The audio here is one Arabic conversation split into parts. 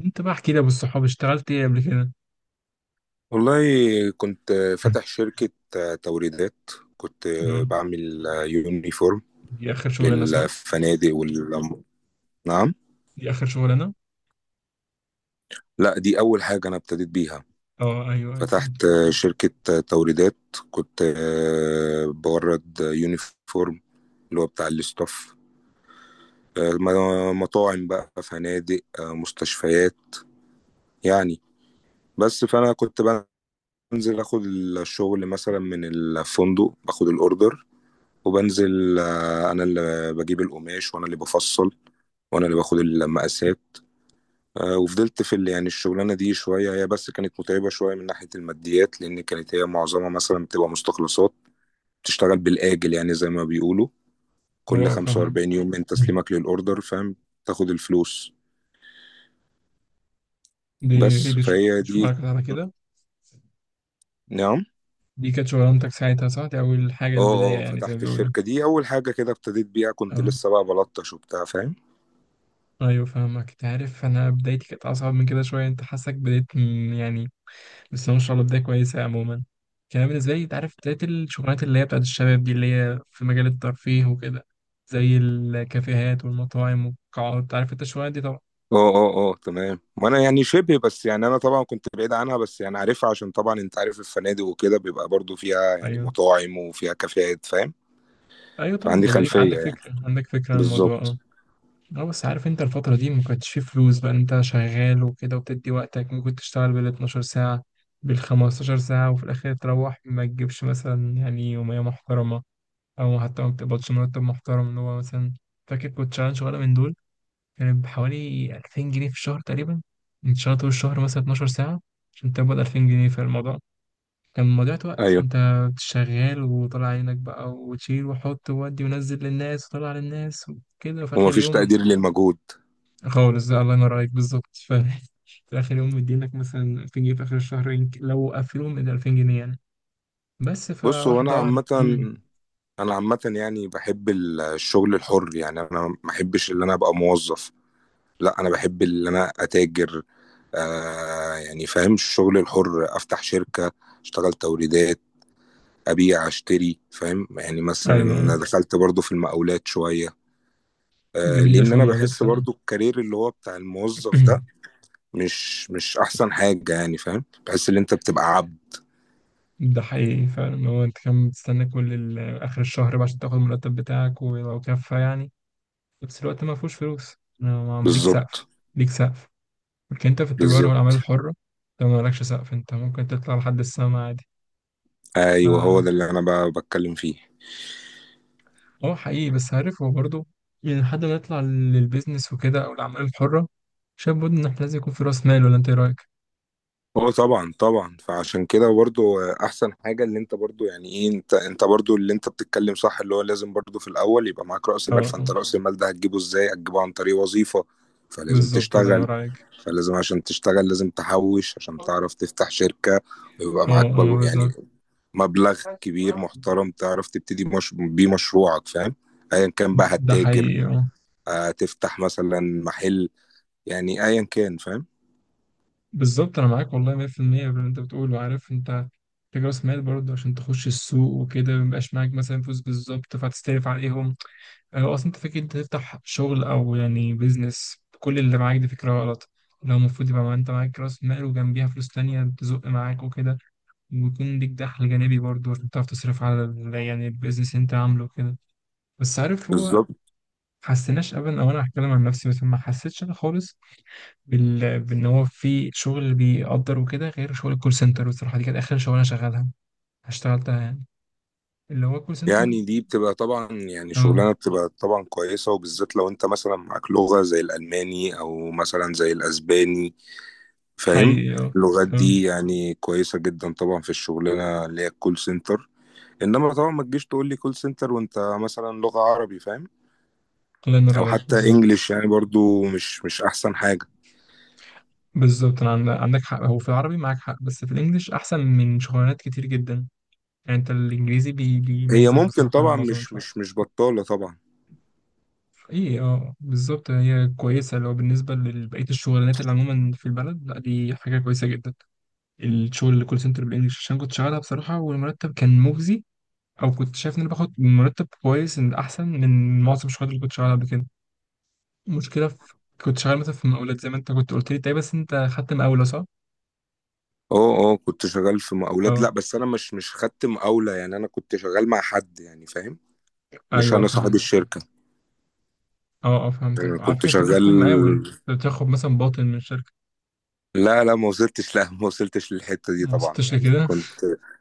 انت بقى احكي لي يا ابو الصحاب اشتغلت ايه قبل كده؟ والله، كنت فاتح شركة توريدات. كنت تمام. بعمل يونيفورم دي اخر شغلانه صح؟ للفنادق نعم. دي اخر شغلانه. لا، دي أول حاجة أنا ابتديت بيها. اه ايوه اتفضل. فتحت شركة توريدات، كنت بورد يونيفورم اللي هو بتاع الاستاف، مطاعم بقى، فنادق، مستشفيات، يعني. بس فأنا كنت بنزل أخد الشغل مثلا من الفندق، باخد الأوردر وبنزل، انا اللي بجيب القماش، وانا اللي بفصل، وانا اللي باخد المقاسات. وفضلت في يعني الشغلانه دي شويه، هي بس كانت متعبه شويه من ناحيه الماديات، لان كانت هي معظمها مثلا بتبقى مستخلصات، بتشتغل بالاجل، يعني زي ما بيقولوا كل اه فاهمك. 45 يوم من تسليمك للاوردر، فاهم، تاخد الفلوس. دي هي بس دي شغ- فهي دي. شغلك كانت على كده؟ نعم. دي كانت شغلانتك ساعتها صح؟ دي اول حاجه اه البدايه اه، يعني زي ما فتحت بيقولوا. الشركه دي اول حاجه كده ابتديت بيها، كنت اه لسه بقى بلطش وبتاع، فاهم. ايوه فاهمك، انت عارف انا بدايتي كانت اصعب من كده شويه، انت حاسك يعني بس ما شاء الله بدايه كويسه عموما. كان بالنسبه لي، انت عارف، بدايه الشغلانات اللي هي بتاعت الشباب دي اللي هي في مجال الترفيه وكده، زي الكافيهات والمطاعم والقاعات، عارف انت الشغلانات دي طبعا. اه اه اه، تمام. وانا يعني شبه، بس يعني انا طبعا كنت بعيد عنها، بس يعني عارفها، عشان طبعا انت عارف الفنادق وكده بيبقى برضو فيها يعني ايوه، مطاعم وفيها كافيهات، فاهم. ايوه طبعا، فعندي اللي بالك، عندك خلفية يعني، فكره عندك فكره عن الموضوع، بالظبط. اه. اه بس عارف انت الفتره دي ما كانتش فيه فلوس بقى، انت شغال وكده وبتدي وقتك، ممكن تشتغل بال 12 ساعه بال 15 ساعه، وفي الاخر تروح ما تجيبش مثلا يعني يوميه محترمه، او حتى ما بتقبضش مرتب محترم، اللي هو مثلا، فاكر كنت شغال شغاله من دول كانت بحوالي 2000 جنيه في الشهر تقريبا. انت شغال طول الشهر مثلا 12 ساعه عشان تقبض 2000 جنيه، في الموضوع كان مضيعة وقت. ايوه. انت شغال وطلع عينك بقى وتشيل وحط وودي ونزل للناس وطلع للناس وكده، وفي اخر ومفيش يوم تقدير للمجهود. خالص، ده الله ينور عليك بالظبط. في اخر يوم مدينك مثلا 2000 جنيه، في اخر الشهر لو قفلوهم من 2000 جنيه يعني، بس بص، هو انا فواحدة واحدة. عامة، مم. يعني بحب الشغل الحر، يعني انا ما بحبش ان انا ابقى موظف، لا انا بحب ان انا اتاجر. آه يعني فاهم، الشغل الحر، افتح شركة، اشتغل توريدات، ابيع اشتري، فاهم يعني. مثلا أنا ايوه دخلت برضو في المقاولات شويه. جميلة لان شوية انا المولات بحس فعلا. برضو الكارير اللي هو بتاع الموظف ده مش احسن حاجه، يعني فاهم، بحس ان انت بتبقى عبد. ده حقيقي فعلا، هو انت كان بتستنى اخر الشهر بقى عشان تاخد المرتب بتاعك، ولو كفى يعني، في نفس الوقت ما فيهوش فلوس. أنا ما- ليك سقف، بالظبط. ليك سقف، لكن انت في التجارة والأعمال بالظبط، الحرة انت مالكش سقف، انت ممكن تطلع لحد السما عادي. ف ايوه، هو ده اللي انا بتكلم فيه. اه حقيقي، بس عارف هو برضه يعني لحد ما نطلع للبيزنس وكده أو الأعمال الحرة، شايف برضه إن احنا لازم يكون في رأس مال، ولا انت ايه رأيك؟ هو طبعا طبعا، فعشان كده برضو احسن حاجه اللي انت برضو، يعني ايه، انت برضو اللي انت بتتكلم صح، اللي هو لازم برضو في الاول يبقى معاك راس اه، مال. اه فانت راس المال ده هتجيبه ازاي؟ هتجيبه عن طريق وظيفه. فلازم بالظبط، الله تشتغل، ينور عليك. فلازم عشان تشتغل لازم تحوش عشان اه، تعرف تفتح شركة، ويبقى معاك اه بل يعني بالظبط. مبلغ كبير محترم تعرف تبتدي مش... بيه مشروعك، فاهم. ايا كان بقى ده هتتاجر، حقيقي، اه تفتح مثلا محل، يعني ايا كان، فاهم. بالظبط. انا معاك والله 100% باللي انت بتقوله. عارف انت، محتاج راس مال برضه عشان تخش السوق وكده، ميبقاش معاك مثلا فلوس بالظبط فهتستلف عليهم. هو أصلا أنت فكرة أنت تفتح شغل أو يعني بيزنس بكل اللي معاك، دي فكرة غلط. لو المفروض يبقى أنت معاك رأس مال وجنبيها فلوس تانية تزق معاك وكده، ويكون ليك دخل جانبي برضه عشان تعرف تصرف على يعني البيزنس اللي أنت عامله وكده. بس عارف هو ما بالظبط. حسيناش أبدا، أو أنا هتكلم عن نفسي، بس ما حسيتش أنا خالص بإن هو في شغل بيقدر وكده غير شغل الكول سنتر. بصراحة دي كانت آخر شغلانة شغالها، اشتغلتها يعني، اللي هو الكول سنتر. يعني دي بتبقى طبعا، يعني أه شغلانة بتبقى طبعا كويسة، وبالذات لو انت مثلا معاك لغة زي الألماني أو مثلا زي الأسباني، فاهم. حقيقي. أه. اللغات أه، دي يعني كويسة جدا طبعا في الشغلانة اللي هي الكول سنتر. انما طبعا ما تجيش تقول لي كول سنتر وانت مثلا لغة عربي، فاهم، الله ينور او عليك حتى بالظبط. انجليش، يعني برضو مش احسن حاجة. بالظبط، انا عندك حق، هو في العربي معاك حق، بس في الانجليش احسن من شغلانات كتير جدا، يعني انت الانجليزي بي هي بيميزك ممكن بصراحه عن طبعا معظم مش الشغلات. مش مش بطالة طبعا. ايه اه بالظبط، هي كويسه لو بالنسبه لبقيه الشغلانات اللي عموما في البلد، لا دي حاجه كويسه جدا. الشغل اللي كول سنتر بالانجليش، عشان كنت شغالها بصراحه والمرتب كان مجزي، او كنت شايف ان انا باخد مرتب كويس، ان احسن من معظم الشغلات اللي كنت شغالها قبل كده. المشكله في، كنت شغال مثلا في مقاولات زي ما انت كنت قلت لي، طيب بس انت خدت مقاوله صح؟ اه اه، كنت شغال في مقاولات. اه لا بس انا مش خدت مقاولة، يعني انا كنت شغال مع حد، يعني فاهم، مش ايوه انا صاحب فهمت. الشركة، اه اه انا فهمتك، على كنت فكرة انت ممكن شغال. تكون مقاول، انت بتاخد مثلا باطن من شركة. لا لا، ما وصلتش. لا، ما وصلتش للحتة دي ما طبعا، وصلتش يعني لكده. كنت.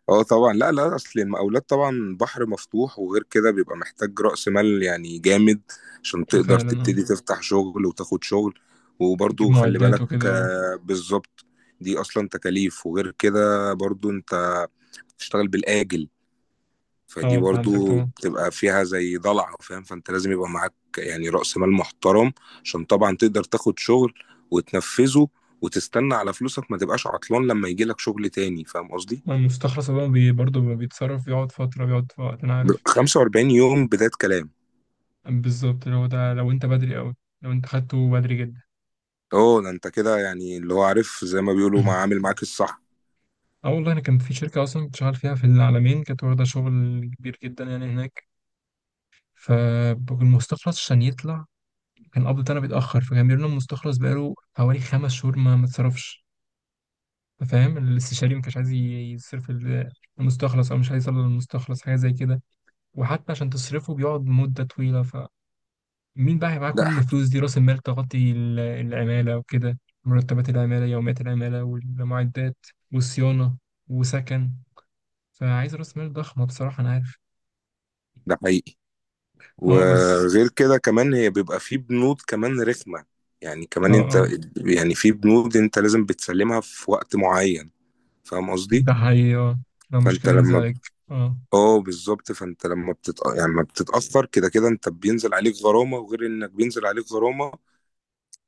اه طبعا. لا لا، اصل المقاولات طبعا بحر مفتوح، وغير كده بيبقى محتاج رأس مال يعني جامد، عشان تقدر فعلا اه. تبتدي تفتح شغل وتاخد شغل. تجيب وبرضو خلي معدات بالك، وكده، اه. بالظبط، دي اصلا تكاليف، وغير كده برضو انت بتشتغل بالآجل، فدي اه فهمتك برضو طبعا. بتبقى فيها زي ضلع، فاهم. فانت لازم يبقى معاك يعني رأس مال محترم، عشان طبعا تقدر تاخد شغل وتنفذه وتستنى على فلوسك، ما تبقاش عطلان لما يجي لك شغل تاني، فاهم قصدي. ما المستخلص ده بيتصرف، بيقعد فترة، بيقعد في وقت، انا عارف. 45 يوم بداية كلام. بالظبط، لو ده، لو انت بدري قوي، لو انت خدته بدري جدا. اه، ده انت كده يعني، اللي هو عارف زي ما بيقولوا، ما عامل معاك الصح. اه والله انا كان في شركة اصلا كنت شغال فيها في العالمين، كانت واخدة شغل كبير جدا يعني هناك، فالمستخلص عشان يطلع كان قبض انا بيتأخر، فكان بيقول لنا المستخلص بقاله حوالي 5 شهور ما اتصرفش. فاهم، الاستشاري ما كانش عايز يصرف المستخلص، او مش عايز يصل للمستخلص، حاجه زي كده. وحتى عشان تصرفه بيقعد مده طويله، فمين بقى هيبقى معاه ده كل ح- الفلوس دي، راس المال تغطي العماله وكده، مرتبات العماله، يوميات العماله، والمعدات، والصيانه، وسكن. فعايز راس مال ضخمه بصراحه، انا عارف. ده حقيقي. اه بس. وغير كده كمان هي بيبقى في بنود كمان رخمة، يعني اه، كمان انت، اه. يعني في بنود انت لازم بتسلمها في وقت معين، فاهم قصدي. ده حقيقي اه. لو مش فانت كده ينزل لما، عليك. اه. اه، بالظبط، فانت لما يعني لما بتتاثر كده كده، انت بينزل عليك غرامه، وغير انك بينزل عليك غرامه،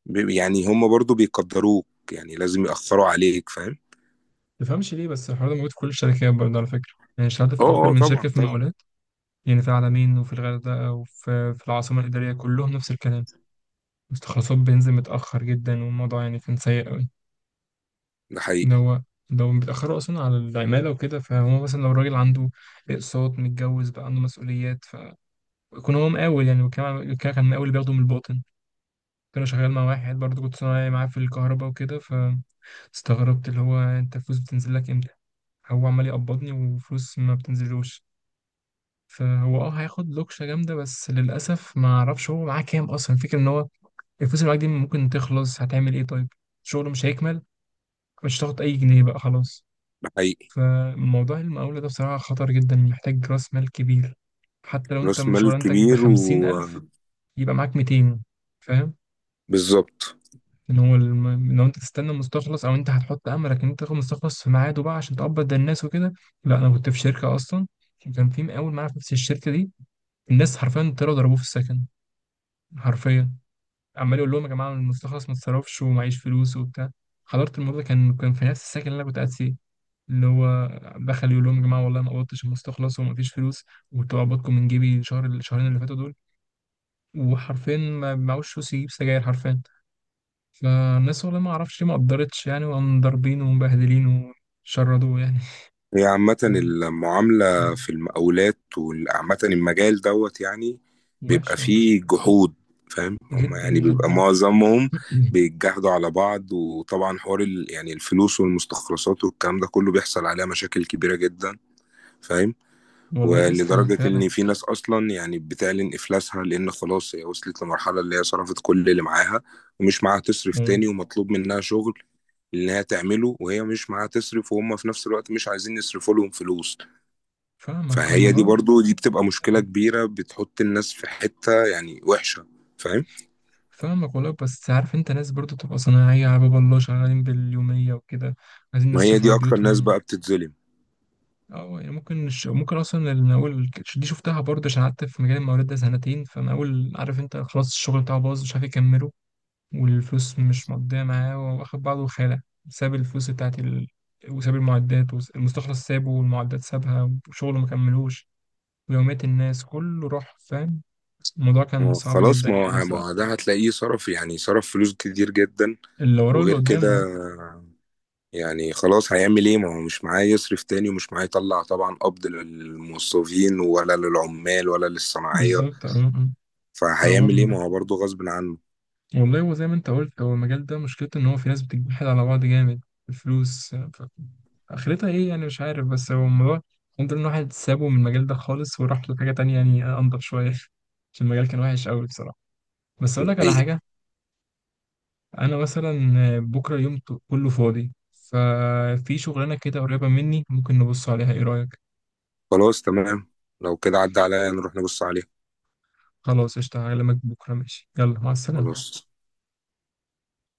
يعني هم برضو بيقدروك، يعني لازم ياثروا عليك، فاهم. تفهمش ليه بس الحوار ده موجود في كل الشركات برضه على فكره، يعني اشتغلت اه في اكتر اه من شركه طبعا في طبعا. المقاولات يعني، في العلمين وفي الغردقة وفي العاصمة الإدارية، كلهم نفس الكلام، مستخلصات بنزين متأخر جدا، والموضوع يعني كان سيء أوي. ده إن حقيقي، هو، لو بيتأخروا أصلا على العمالة وكده، فهو مثلا لو الراجل عنده أقساط، متجوز بقى، عنده مسؤوليات، فكون هو مقاول يعني، وكمان كان مقاول بياخده من الباطن. كنت أنا شغال مع واحد برضه، كنت صنايعي معاه في الكهرباء وكده، فاستغربت اللي هو أنت الفلوس بتنزل لك إمتى؟ هو عمال يقبضني وفلوس ما بتنزلوش. فهو اه هياخد لوكشة جامدة، بس للأسف ما أعرفش هو معاه كام أصلا، الفكرة إن هو الفلوس اللي معاك دي ممكن تخلص، هتعمل إيه طيب؟ شغله مش هيكمل، مش هتاخد أي جنيه بقى خلاص. ده حقيقي، فموضوع المقاولة ده بصراحة خطر جدا، محتاج رأس مال كبير. حتى لو راس أنت مال شغلانتك كبير بخمسين ألف، وبالظبط. يبقى معاك 200، فاهم. إن هو لو أنت تستنى مستخلص، أو أنت هتحط أملك إن أنت تاخد مستخلص في ميعاده بقى عشان تقبض ده الناس وكده. لا أنا كنت في شركة أصلا، وكان في مقاول معايا في نفس الشركة دي، الناس حرفيا طلعوا ضربوه في السكن، حرفيا. عمال يقول لهم يا جماعه المستخلص ما اتصرفش ومعيش فلوس وبتاع. حضرت الموضوع، كان في نفس السكن اللي انا كنت قاعد فيه، اللي هو دخل يقول لهم يا جماعه والله ما قبضتش المستخلص ومفيش فلوس، وكنت بقبضكم من جيبي الشهر الشهرين اللي فاتوا دول، وحرفيا ما معهوش فلوس يجيب سجاير حرفيا. فالناس والله ما اعرفش ليه ما قدرتش يعني، وقام ضاربينه ومبهدلينه وشردوه يعني. هي عامة ف المعاملة في المقاولات وعامة المجال دوت يعني، بيبقى وحشه فيه جحود، فاهم، هم جدا يعني بيبقى جدا. معظمهم بيتجاهدوا على بعض. وطبعا حوار يعني الفلوس والمستخلصات والكلام ده كله بيحصل عليها مشاكل كبيرة جدا، فاهم. والله تسلم ولدرجة فعلا. إن في ناس أصلا يعني بتعلن إفلاسها، لأن خلاص هي وصلت لمرحلة اللي هي صرفت كل اللي معاها، ومش معاها تصرف مم. تاني، ومطلوب منها شغل اللي هي تعمله، وهي مش معاها تصرف، وهم في نفس الوقت مش عايزين يصرفوا لهم فلوس. فاهمك فهي دي الموضوع برضو دي بتبقى مشكلة سيء. كبيرة، بتحط الناس في حتة يعني وحشة، فاهم. فاهمك والله، بس عارف انت ناس برضو تبقى صناعية على باب الله شغالين باليومية وكده، عايزين ما هي يصرفوا دي على اكتر ناس بيوتهم. بقى بتتظلم. اه، يعني ممكن ممكن اصلا انا اول، دي شفتها برضو عشان قعدت في مجال المقاولات ده سنتين، فانا اول، عارف انت، خلاص الشغل بتاعه باظ، مش عارف يكمله، والفلوس مش مقضية معاه، واخد بعضه وخالع، ساب الفلوس بتاعت وساب المعدات، والمستخلص سابه، والمعدات سابها، وشغله مكملوش، ويوميات الناس كله راح، فاهم. الموضوع ما كان هو صعب خلاص، جدا ما يعني هو ما بصراحة. هو ده هتلاقيه صرف، يعني صرف فلوس كتير جدا. اللي وراه اللي وغير كده قدامه. يعني خلاص، هيعمل ايه ما هو مش معاه يصرف تاني، ومش معاه يطلع طبعا قبض للموظفين ولا للعمال ولا للصناعية، بالظبط، اه اه. فهو فهيعمل ايه، م- ما هو برضه غصب عنه. والله هو زي ما انت قلت، هو المجال ده مشكلته ان هو في ناس بتجحد على بعض جامد، الفلوس اخرتها ايه يعني، مش عارف، بس هو الموضوع، الحمد لله ان واحد سابه من المجال ده خالص وراح لحاجة تانية يعني، انضف شوية. عشان المجال كان وحش قوي بصراحة. بس اقول لك على حقيقي. حاجة، انا مثلا بكرة كله فاضي، ففي شغلانة كده قريبة مني، ممكن نبص عليها، ايه رأيك؟ خلاص، تمام، لو كده عدى عليا نروح نبص عليه. خلاص قشطة، هكلمك بكرة، ماشي، يلا مع السلامة. خلاص.